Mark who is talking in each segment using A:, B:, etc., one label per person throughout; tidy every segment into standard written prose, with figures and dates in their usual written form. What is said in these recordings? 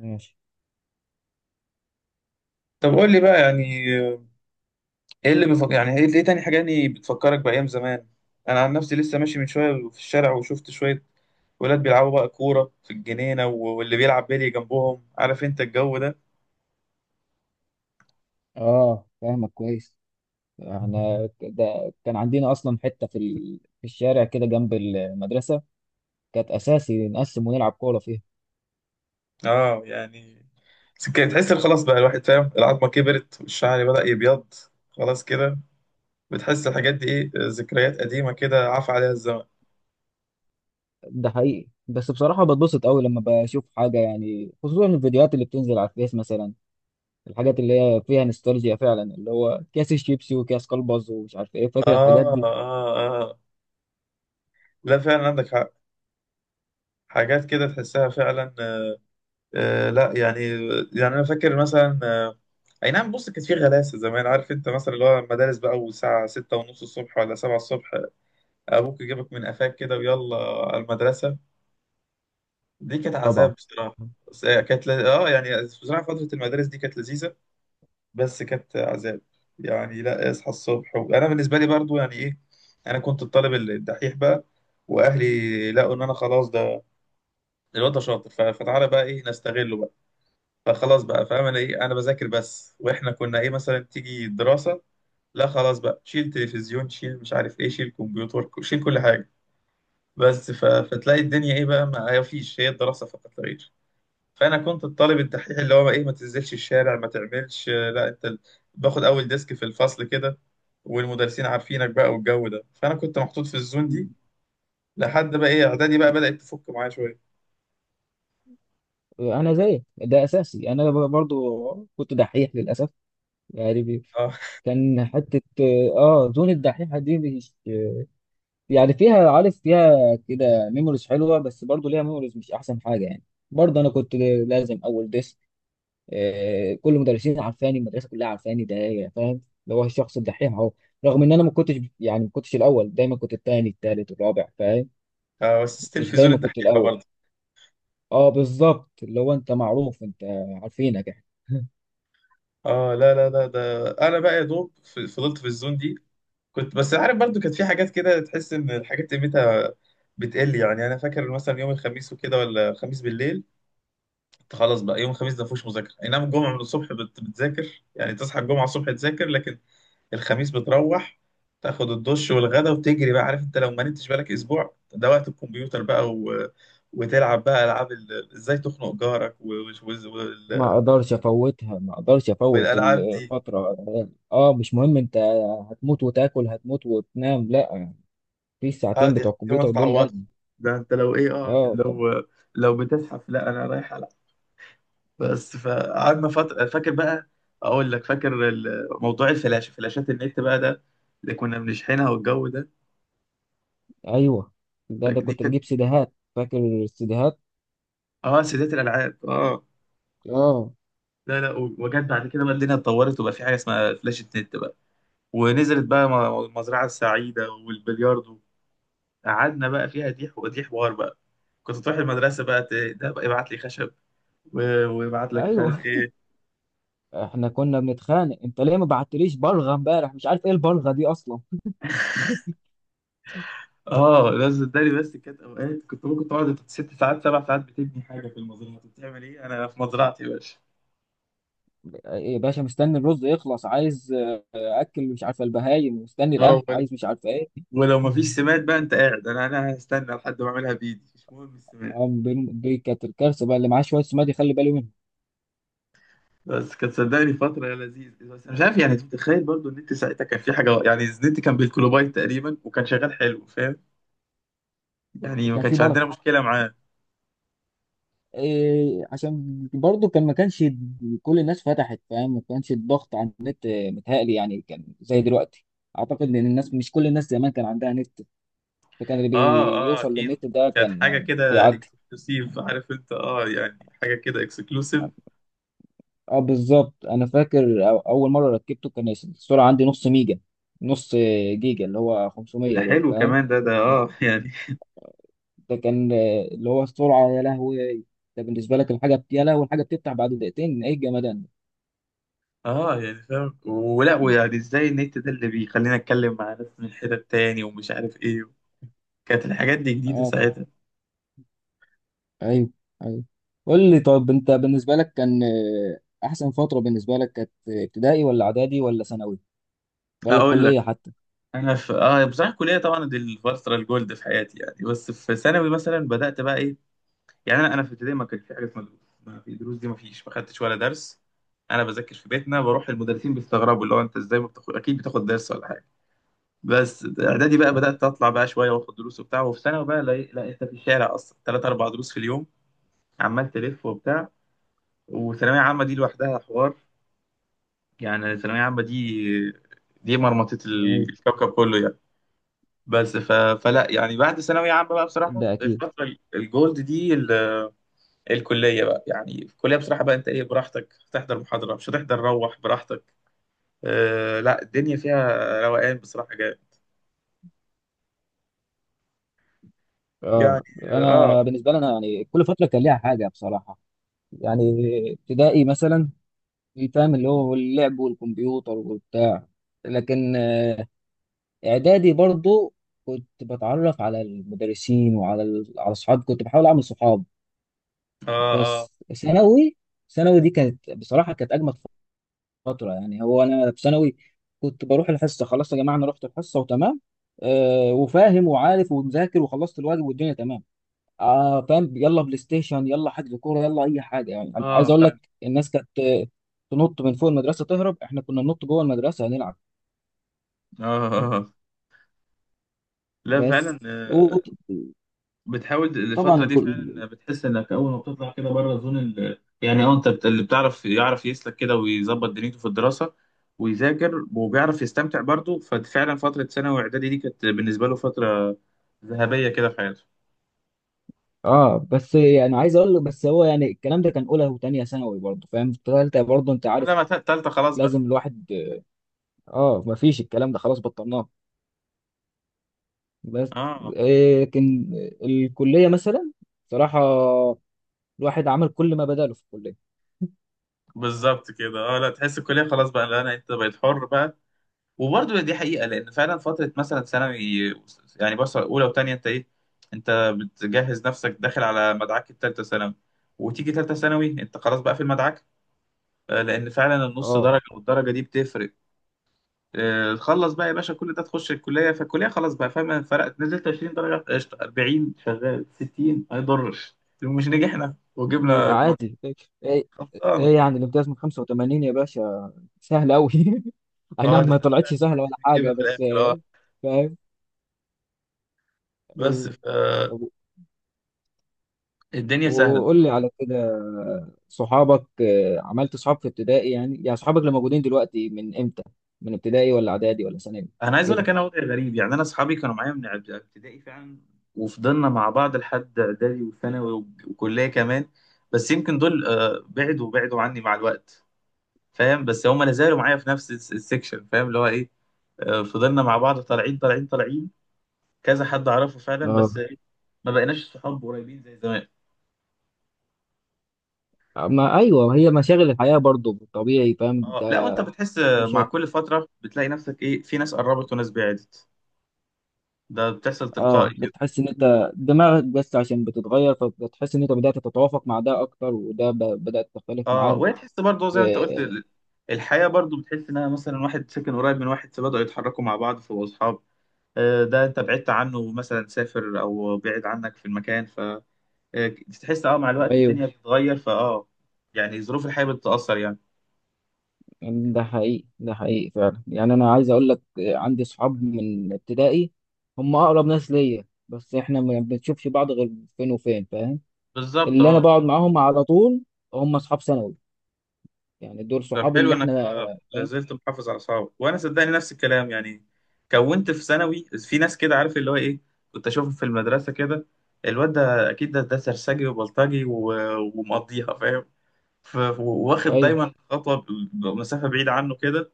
A: ماشي.
B: طب قول لي بقى. يعني اللي بفكر، يعني إيه تاني حاجة يعني بتفكرك بأيام زمان؟ انا عن نفسي لسه ماشي من شوية في الشارع وشفت شوية ولاد بيلعبوا بقى كورة في الجنينة، و- واللي بيلعب بيلي جنبهم، عارف انت الجو ده.
A: اه فاهمك كويس. احنا ده كان عندنا اصلا حته في الشارع كده جنب المدرسه، كانت اساسي نقسم ونلعب كوره فيها.
B: اه يعني كده تحس إن خلاص بقى الواحد فاهم، العظمة كبرت والشعر بدأ يبيض. خلاص كده بتحس الحاجات دي ايه، ذكريات قديمة كده عفى عليها الزمن.
A: ده حقيقي، بس بصراحه بتبسط قوي لما بشوف حاجه، يعني خصوصا الفيديوهات اللي بتنزل على الفيس مثلا، الحاجات اللي هي فيها نوستالجيا فعلا، اللي هو كاس الشيبسي وكاس كلبز ومش عارف ايه،
B: اه،
A: فاكر الحاجات
B: اه،
A: دي.
B: اه، آه. لا فعلا، عندك حق. حاجات كده تحسها فعلا. آه، لا يعني انا فاكر مثلا، اي نعم. بص، كانت في غلاسه زمان، عارف انت، مثلا اللي هو المدارس بقى والساعه 6:30 الصبح ولا 7 الصبح ابوك يجيبك من قفاك كده ويلا على المدرسه. دي كانت عذاب
A: طبعا.
B: بصراحه. بس هي كانت ل... اه يعني بصراحه فتره المدارس دي كانت لذيذه بس كانت عذاب. يعني لا اصحى الصبح انا بالنسبه لي برضو يعني ايه، انا كنت الطالب الدحيح بقى. واهلي لقوا ان انا خلاص، ده الواد ده شاطر، ف- فتعالى بقى ايه نستغله. فخلاص بقى، فاهم انا ايه؟ انا بذاكر بس. واحنا كنا ايه مثلا؟ تيجي الدراسه، لا خلاص بقى، شيل تلفزيون، شيل مش عارف ايه، شيل كمبيوتر، شيل كل حاجه. بس ف... فتلاقي الدنيا ايه بقى، ما فيش هي الدراسه فقط لا غير. فانا كنت الطالب الدحيح اللي هو ايه، ما تنزلش الشارع، ما تعملش، لا انت باخد اول ديسك في الفصل كده، والمدرسين عارفينك بقى والجو ده. فانا كنت محطوط في الزون دي لحد بقى ايه، اعدادي بقى بدات تفك معايا شويه.
A: انا زيك، ده اساسي، انا برضو كنت دحيح للاسف. يعني
B: اه
A: كان حتة، اه زون الدحيحة دي، مش يعني فيها، عارف، فيها كده ميموريز حلوة، بس برضو ليها ميموريز مش أحسن حاجة يعني. برضو أنا كنت لازم أول ديسك، آه، كل المدرسين عارفاني، المدرسة كلها عارفاني، ده يا فاهم اللي هو الشخص الدحيح أهو. رغم إن ما كنتش، يعني ما كنتش الأول دايما، كنت التاني التالت الرابع فاهم،
B: بس ستيل
A: مش
B: في زون
A: دايما كنت
B: الدحيحه
A: الأول.
B: برضه.
A: اه بالظبط، اللي هو أنت معروف، أنت عارفينك يعني.
B: اه، لا، لا، لا، ده انا بقى يا دوب فضلت في الزون دي. كنت بس عارف، برضو كانت في حاجات كده تحس ان الحاجات قيمتها بتقل. يعني انا فاكر مثلا يوم الخميس وكده، ولا خميس بالليل كنت خلاص بقى. يوم الخميس ده مفيهوش مذاكره، اي نعم الجمعه من الصبح بتذاكر، يعني تصحى الجمعه الصبح تذاكر، لكن الخميس بتروح تاخد الدش والغدا وتجري بقى، عارف انت، لو ما نمتش بالك. اسبوع ده وقت الكمبيوتر بقى، و... وتلعب بقى العاب ازاي تخنق جارك و... و...
A: ما
B: وال-
A: اقدرش افوتها، ما اقدرش افوت
B: والالعاب دي.
A: الفتره. اه مش مهم، انت هتموت وتاكل، هتموت وتنام، لا، في
B: اه،
A: الساعتين
B: دي
A: بتوع
B: دي ما
A: الكمبيوتر دول، لا.
B: تتعوضش. ده انت لو ايه، اه
A: اه طبعا.
B: لو لو بتزحف لا، انا رايح العب. بس فقعدنا فتره فاكر بقى. اقول لك، فاكر موضوع الفلاشه، فلاشات النت بقى ده اللي كنا بنشحنها والجو ده.
A: ايوه، ده
B: فدي
A: كنت
B: كانت،
A: بجيب سيديهات فاكر، السيديهات.
B: اه سيدات الالعاب، اه.
A: اه،
B: لا، لا، و- وجت بعد كده بقى، الدنيا اتطورت وبقى في حاجه اسمها فلاشه نت بقى، ونزلت بقى المزرعه السعيده والبلياردو. قعدنا بقى فيها ديح، ودي حوار بقى. كنت تروح المدرسه بقى، ده بقى يبعت لي خشب، و- ويبعت لك مش عارف
A: ايوه.
B: إيه.
A: احنا كنا بنتخانق، انت ليه ما بعتليش بلغه امبارح؟ مش عارف ايه البلغه دي اصلا.
B: اه، ده صدقني بس كانت اوقات كنت ممكن تقعد 6 ساعات 7 ساعات بتبني حاجه في المزرعه. طب بتعمل ايه؟ انا في مزرعتي يا باشا.
A: إيه، يا باشا مستني الرز يخلص، عايز آه، اكل، مش عارفه البهايم مستني
B: اه
A: القمح،
B: وال-
A: عايز مش عارفه ايه.
B: ولو مفيش سماد بقى، انت قاعد؟ انا هستنى لحد ما اعملها بايدي، مش مهم السماد.
A: آه، دي كانت الكارثه بقى، اللي معاه شويه سماد يخلي باله منه.
B: بس كانت صدقني فتره لذيذه. بس أنا مش عارف يعني، انت متخيل برضو ان انت ساعتها كان في حاجه يعني، النت كان بالكيلوبايت تقريبا وكان شغال حلو، فاهم يعني ما
A: كان في
B: كانش عندنا
A: بركه،
B: مشكله معاه.
A: إيه؟ عشان برضو كان، ما كانش كل الناس فتحت فاهم، ما كانش الضغط على النت آه، متهيألي يعني كان زي دلوقتي. اعتقد ان الناس، مش كل الناس زمان كان عندها نت، فكان اللي
B: اه، اه،
A: بيوصل
B: اكيد.
A: للنت ده
B: كانت
A: كان
B: حاجه
A: آه،
B: كده
A: بيعدي.
B: اكسكلوسيف، عارف انت، يعني حاجه كده اكسكلوسيف.
A: اه بالظبط، انا فاكر اول مره ركبته كان السرعه عندي نص ميجا، نص آه، جيجا اللي هو
B: ده
A: 500 دول
B: حلو
A: فاهم.
B: كمان، ده اه يعني.
A: ده كان آه، اللي هو السرعه، يا لهوي، ده بالنسبه لك الحاجه يا لهوي الحاجه بتفتح بعد دقيقتين، ايه الجمدان ده.
B: اه، يعني فاهم ولا؟ ويعني ازاي النت ده اللي بيخلينا اتكلم مع ناس من حتت تاني ومش عارف ايه، كانت الحاجات دي جديده
A: اه.
B: ساعتها.
A: ايوه، ايوه. قول لي طب، انت بالنسبه لك كان آه، احسن فتره بالنسبه لك كانت ابتدائي ولا اعدادي ولا ثانوي، ولا
B: اقول لك،
A: الكليه حتى؟
B: انا في يعني بصراحه الكليه طبعا دي الفتره الجولد في حياتي، يعني. بس في ثانوي مثلا بدات بقى ايه، يعني انا في ابتدائي ما كان في حاجه اسمها دروس، ما في دروس دي، ما فيش، ما خدتش ولا درس. انا بذاكر في بيتنا، بروح المدرسين بيستغربوا، اللي هو انت ازاي ما بتاخد؟ اكيد بتاخد درس ولا حاجه. بس اعدادي بقى بدات اطلع بقى شويه، واخد دروس وبتاع. وفي ثانوي بقى لا، لا، انت في الشارع اصلا 3 او 4 دروس في اليوم، عمال تلف وبتاع. وثانوية عامة دي لوحدها حوار، يعني الثانوية عامة دي مرمطة
A: أيوة،
B: الكوكب كله، يعني. بس ف... فلا يعني، بعد ثانوية عامة بقى بصراحة
A: ده اكيد.
B: الفترة الجولد دي الكلية بقى. يعني في الكلية بصراحة بقى أنت إيه، براحتك، هتحضر محاضرة مش هتحضر، روح براحتك. لا الدنيا فيها روقان بصراحة جامد، يعني.
A: اه، انا
B: آه،
A: بالنسبه لي انا يعني كل فتره كان ليها حاجه بصراحه. يعني ابتدائي مثلا فاهم اللي هو اللعب والكمبيوتر وبتاع. لكن آه، اعدادي برضو كنت بتعرف على المدرسين وعلى على اصحاب، كنت بحاول اعمل صحاب.
B: آه، آه،
A: بس ثانوي ثانوي دي كانت بصراحه كانت اجمل فترة، يعني هو أنا في ثانوي كنت بروح الحصة، خلاص يا جماعة أنا رحت الحصة وتمام، آه وفاهم وعارف ومذاكر وخلصت الواجب والدنيا تمام. آه فاهم، يلا بلاي ستيشن، يلا حجز كورة، يلا أي حاجة يعني. أنا عايز
B: آه
A: أقول
B: فعلا.
A: لك الناس كانت آه، تنط من فوق المدرسة تهرب، إحنا كنا ننط جوه المدرسة نلعب،
B: آه، آه، آه. لا فعلا.
A: بس. وطبعا
B: بتحاول الفترة دي
A: الكل.
B: فعلا بتحس انك اول ما بتطلع كده بره زون يعني، انت اللي بتعرف يعرف يسلك كده ويظبط دنيته في الدراسة ويذاكر وبيعرف يستمتع برضه. ففعلا فترة ثانوي واعدادي دي كانت بالنسبة له فترة ذهبية كده في حياته.
A: اه بس يعني عايز اقول لك، بس هو يعني الكلام ده كان اولى وثانيه ثانوي برضه فاهم، في ثالثه برضه انت
B: اه،
A: عارف
B: لما تالتة خلاص بقى.
A: لازم الواحد، اه مفيش الكلام ده، خلاص بطلناه. بس
B: اه
A: آه، لكن الكلية مثلا صراحة الواحد عمل كل ما بداله في الكلية.
B: بالظبط كده. اه لا تحس الكلية خلاص بقى، لا انت بقيت حر بقى. وبرضه دي حقيقة، لأن فعلا فترة مثلا ثانوي، يعني بس أولى وتانية أنت إيه، أنت بتجهز نفسك داخل على مدعك التالتة ثانوي. وتيجي تالتة ثانوي أنت خلاص بقى في المدعك. لأن فعلا النص
A: اه.
B: درجة والدرجة دي بتفرق. تخلص بقى يا باشا كل ده، تخش الكلية، فالكلية خلاص بقى، فاهم، فرقت، نزلت 20 درجة قشطة، 40 شغال، 60 ما يضرش، لو مش نجحنا وجبنا
A: عادي. ايه،
B: خلصانة.
A: ايه يعني الامتياز من 85 يا باشا، سهل قوي. اي
B: اه،
A: نعم ما
B: ده
A: طلعتش
B: طلعت
A: سهلة
B: محدش
A: ولا حاجة،
B: بيجيبها في
A: بس
B: الآخر، اه.
A: آه، فاهم.
B: بس
A: ايوه.
B: ف،
A: طب
B: الدنيا سهلة.
A: وقول لي على كده، صحابك آه، عملت صحاب في ابتدائي يعني؟ يعني صحابك اللي موجودين دلوقتي من امتى؟ من ابتدائي ولا اعدادي ولا ثانوي؟
B: انا عايز اقول
A: كده.
B: لك، انا وضعي غريب يعني. انا اصحابي كانوا معايا من ابتدائي فعلا، وفضلنا مع بعض لحد اعدادي وثانوي و- وكليه كمان. بس يمكن دول بعدوا بعدوا عني مع الوقت، فاهم، بس هم لا زالوا معايا في نفس السكشن، فاهم اللي هو ايه. فضلنا مع بعض طالعين طالعين طالعين كذا حد اعرفه فعلا، بس
A: اه.
B: ما بقيناش صحاب قريبين زي زمان.
A: ما ايوه، هي مشاغل الحياة برضو طبيعي فاهم انت،
B: اه، لا، وانت بتحس
A: مش
B: مع
A: هت...
B: كل فتره بتلاقي نفسك ايه، في ناس قربت وناس بعدت، ده بتحصل تلقائي.
A: اه بتحس ان انت دماغك بس عشان بتتغير، فبتحس ان انت بدأت تتوافق مع ده اكتر، وده بدأت تختلف
B: اه،
A: معاك.
B: وهي تحس برضه زي ما انت قلت
A: آه،
B: الحياه برضه، بتحس انها مثلا واحد ساكن قريب من واحد فبدأوا يتحركوا مع بعض فبقوا اصحاب. ده انت بعدت عنه، مثلا سافر او بعد عنك في المكان، ف آه، تحس مع الوقت
A: ايوه.
B: الدنيا بتتغير يعني ظروف الحياه بتتأثر، يعني.
A: يعني ده حقيقي، ده حقيقي فعلا. يعني انا عايز اقول لك آه، عندي صحاب من ابتدائي، هم اقرب ناس ليا، بس احنا ما بنشوفش بعض غير فين وفين فاهم.
B: بالظبط،
A: اللي انا بقعد
B: اه.
A: معاهم على طول هم اصحاب ثانوي، يعني دول
B: طب
A: صحابي
B: حلو
A: اللي
B: انك
A: احنا آه، فاهم.
B: لازلت محافظ على اصحابك. وانا صدقني نفس الكلام، يعني كونت في ثانوي في ناس كده، عارف اللي هو ايه، كنت اشوفهم في المدرسه كده، الواد ده اكيد، ده سرسجي وبلطجي و- ومقضيها، فاهم، واخد
A: ايوه،
B: دايما خطوه، مسافه بعيده عنه كده.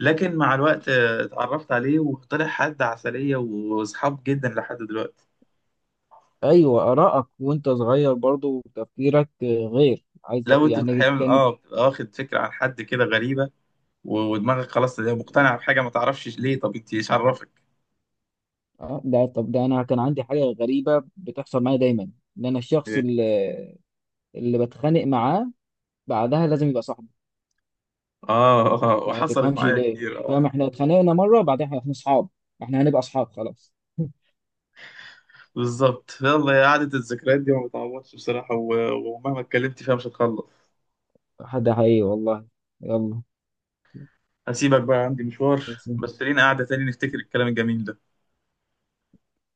B: لكن مع الوقت اتعرفت عليه وطلع حد عسليه واصحاب جدا لحد دلوقتي.
A: ايوه. ارائك وانت صغير برضو وتفكيرك آه، غير، عايز
B: لو انت
A: يعني
B: احيانا
A: كان،
B: بتبقى واخد فكره عن حد كده غريبه، و- ودماغك خلاص هي مقتنعه بحاجه، ما تعرفش ليه، طب انت ايش عرفك؟
A: اه ده، طب ده انا كان عندي حاجه غريبه بتحصل معايا دايما، ان انا الشخص
B: إيه؟
A: اللي بتخانق معاه بعدها لازم يبقى صاحبي،
B: اه اه،
A: ما
B: وحصلت
A: تفهمش
B: معايا
A: ليه
B: كتير، اه.
A: فاهم، احنا اتخانقنا مره بعدها احنا اصحاب، احنا هنبقى اصحاب خلاص.
B: بالظبط. يلا، يا قعدة الذكريات دي ما بتعوضش بصراحة، و- ومهما اتكلمت فيها مش هتخلص.
A: ده حقيقي والله. يلا،
B: هسيبك بقى عندي مشوار،
A: بس
B: بس لينا قعدة تاني نفتكر الكلام الجميل ده.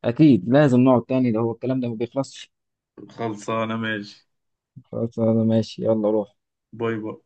A: اكيد لازم نقعد تاني، ده هو الكلام ده ما بيخلصش.
B: خلصانة، ماشي.
A: خلاص انا ماشي، يلا روح.
B: باي باي.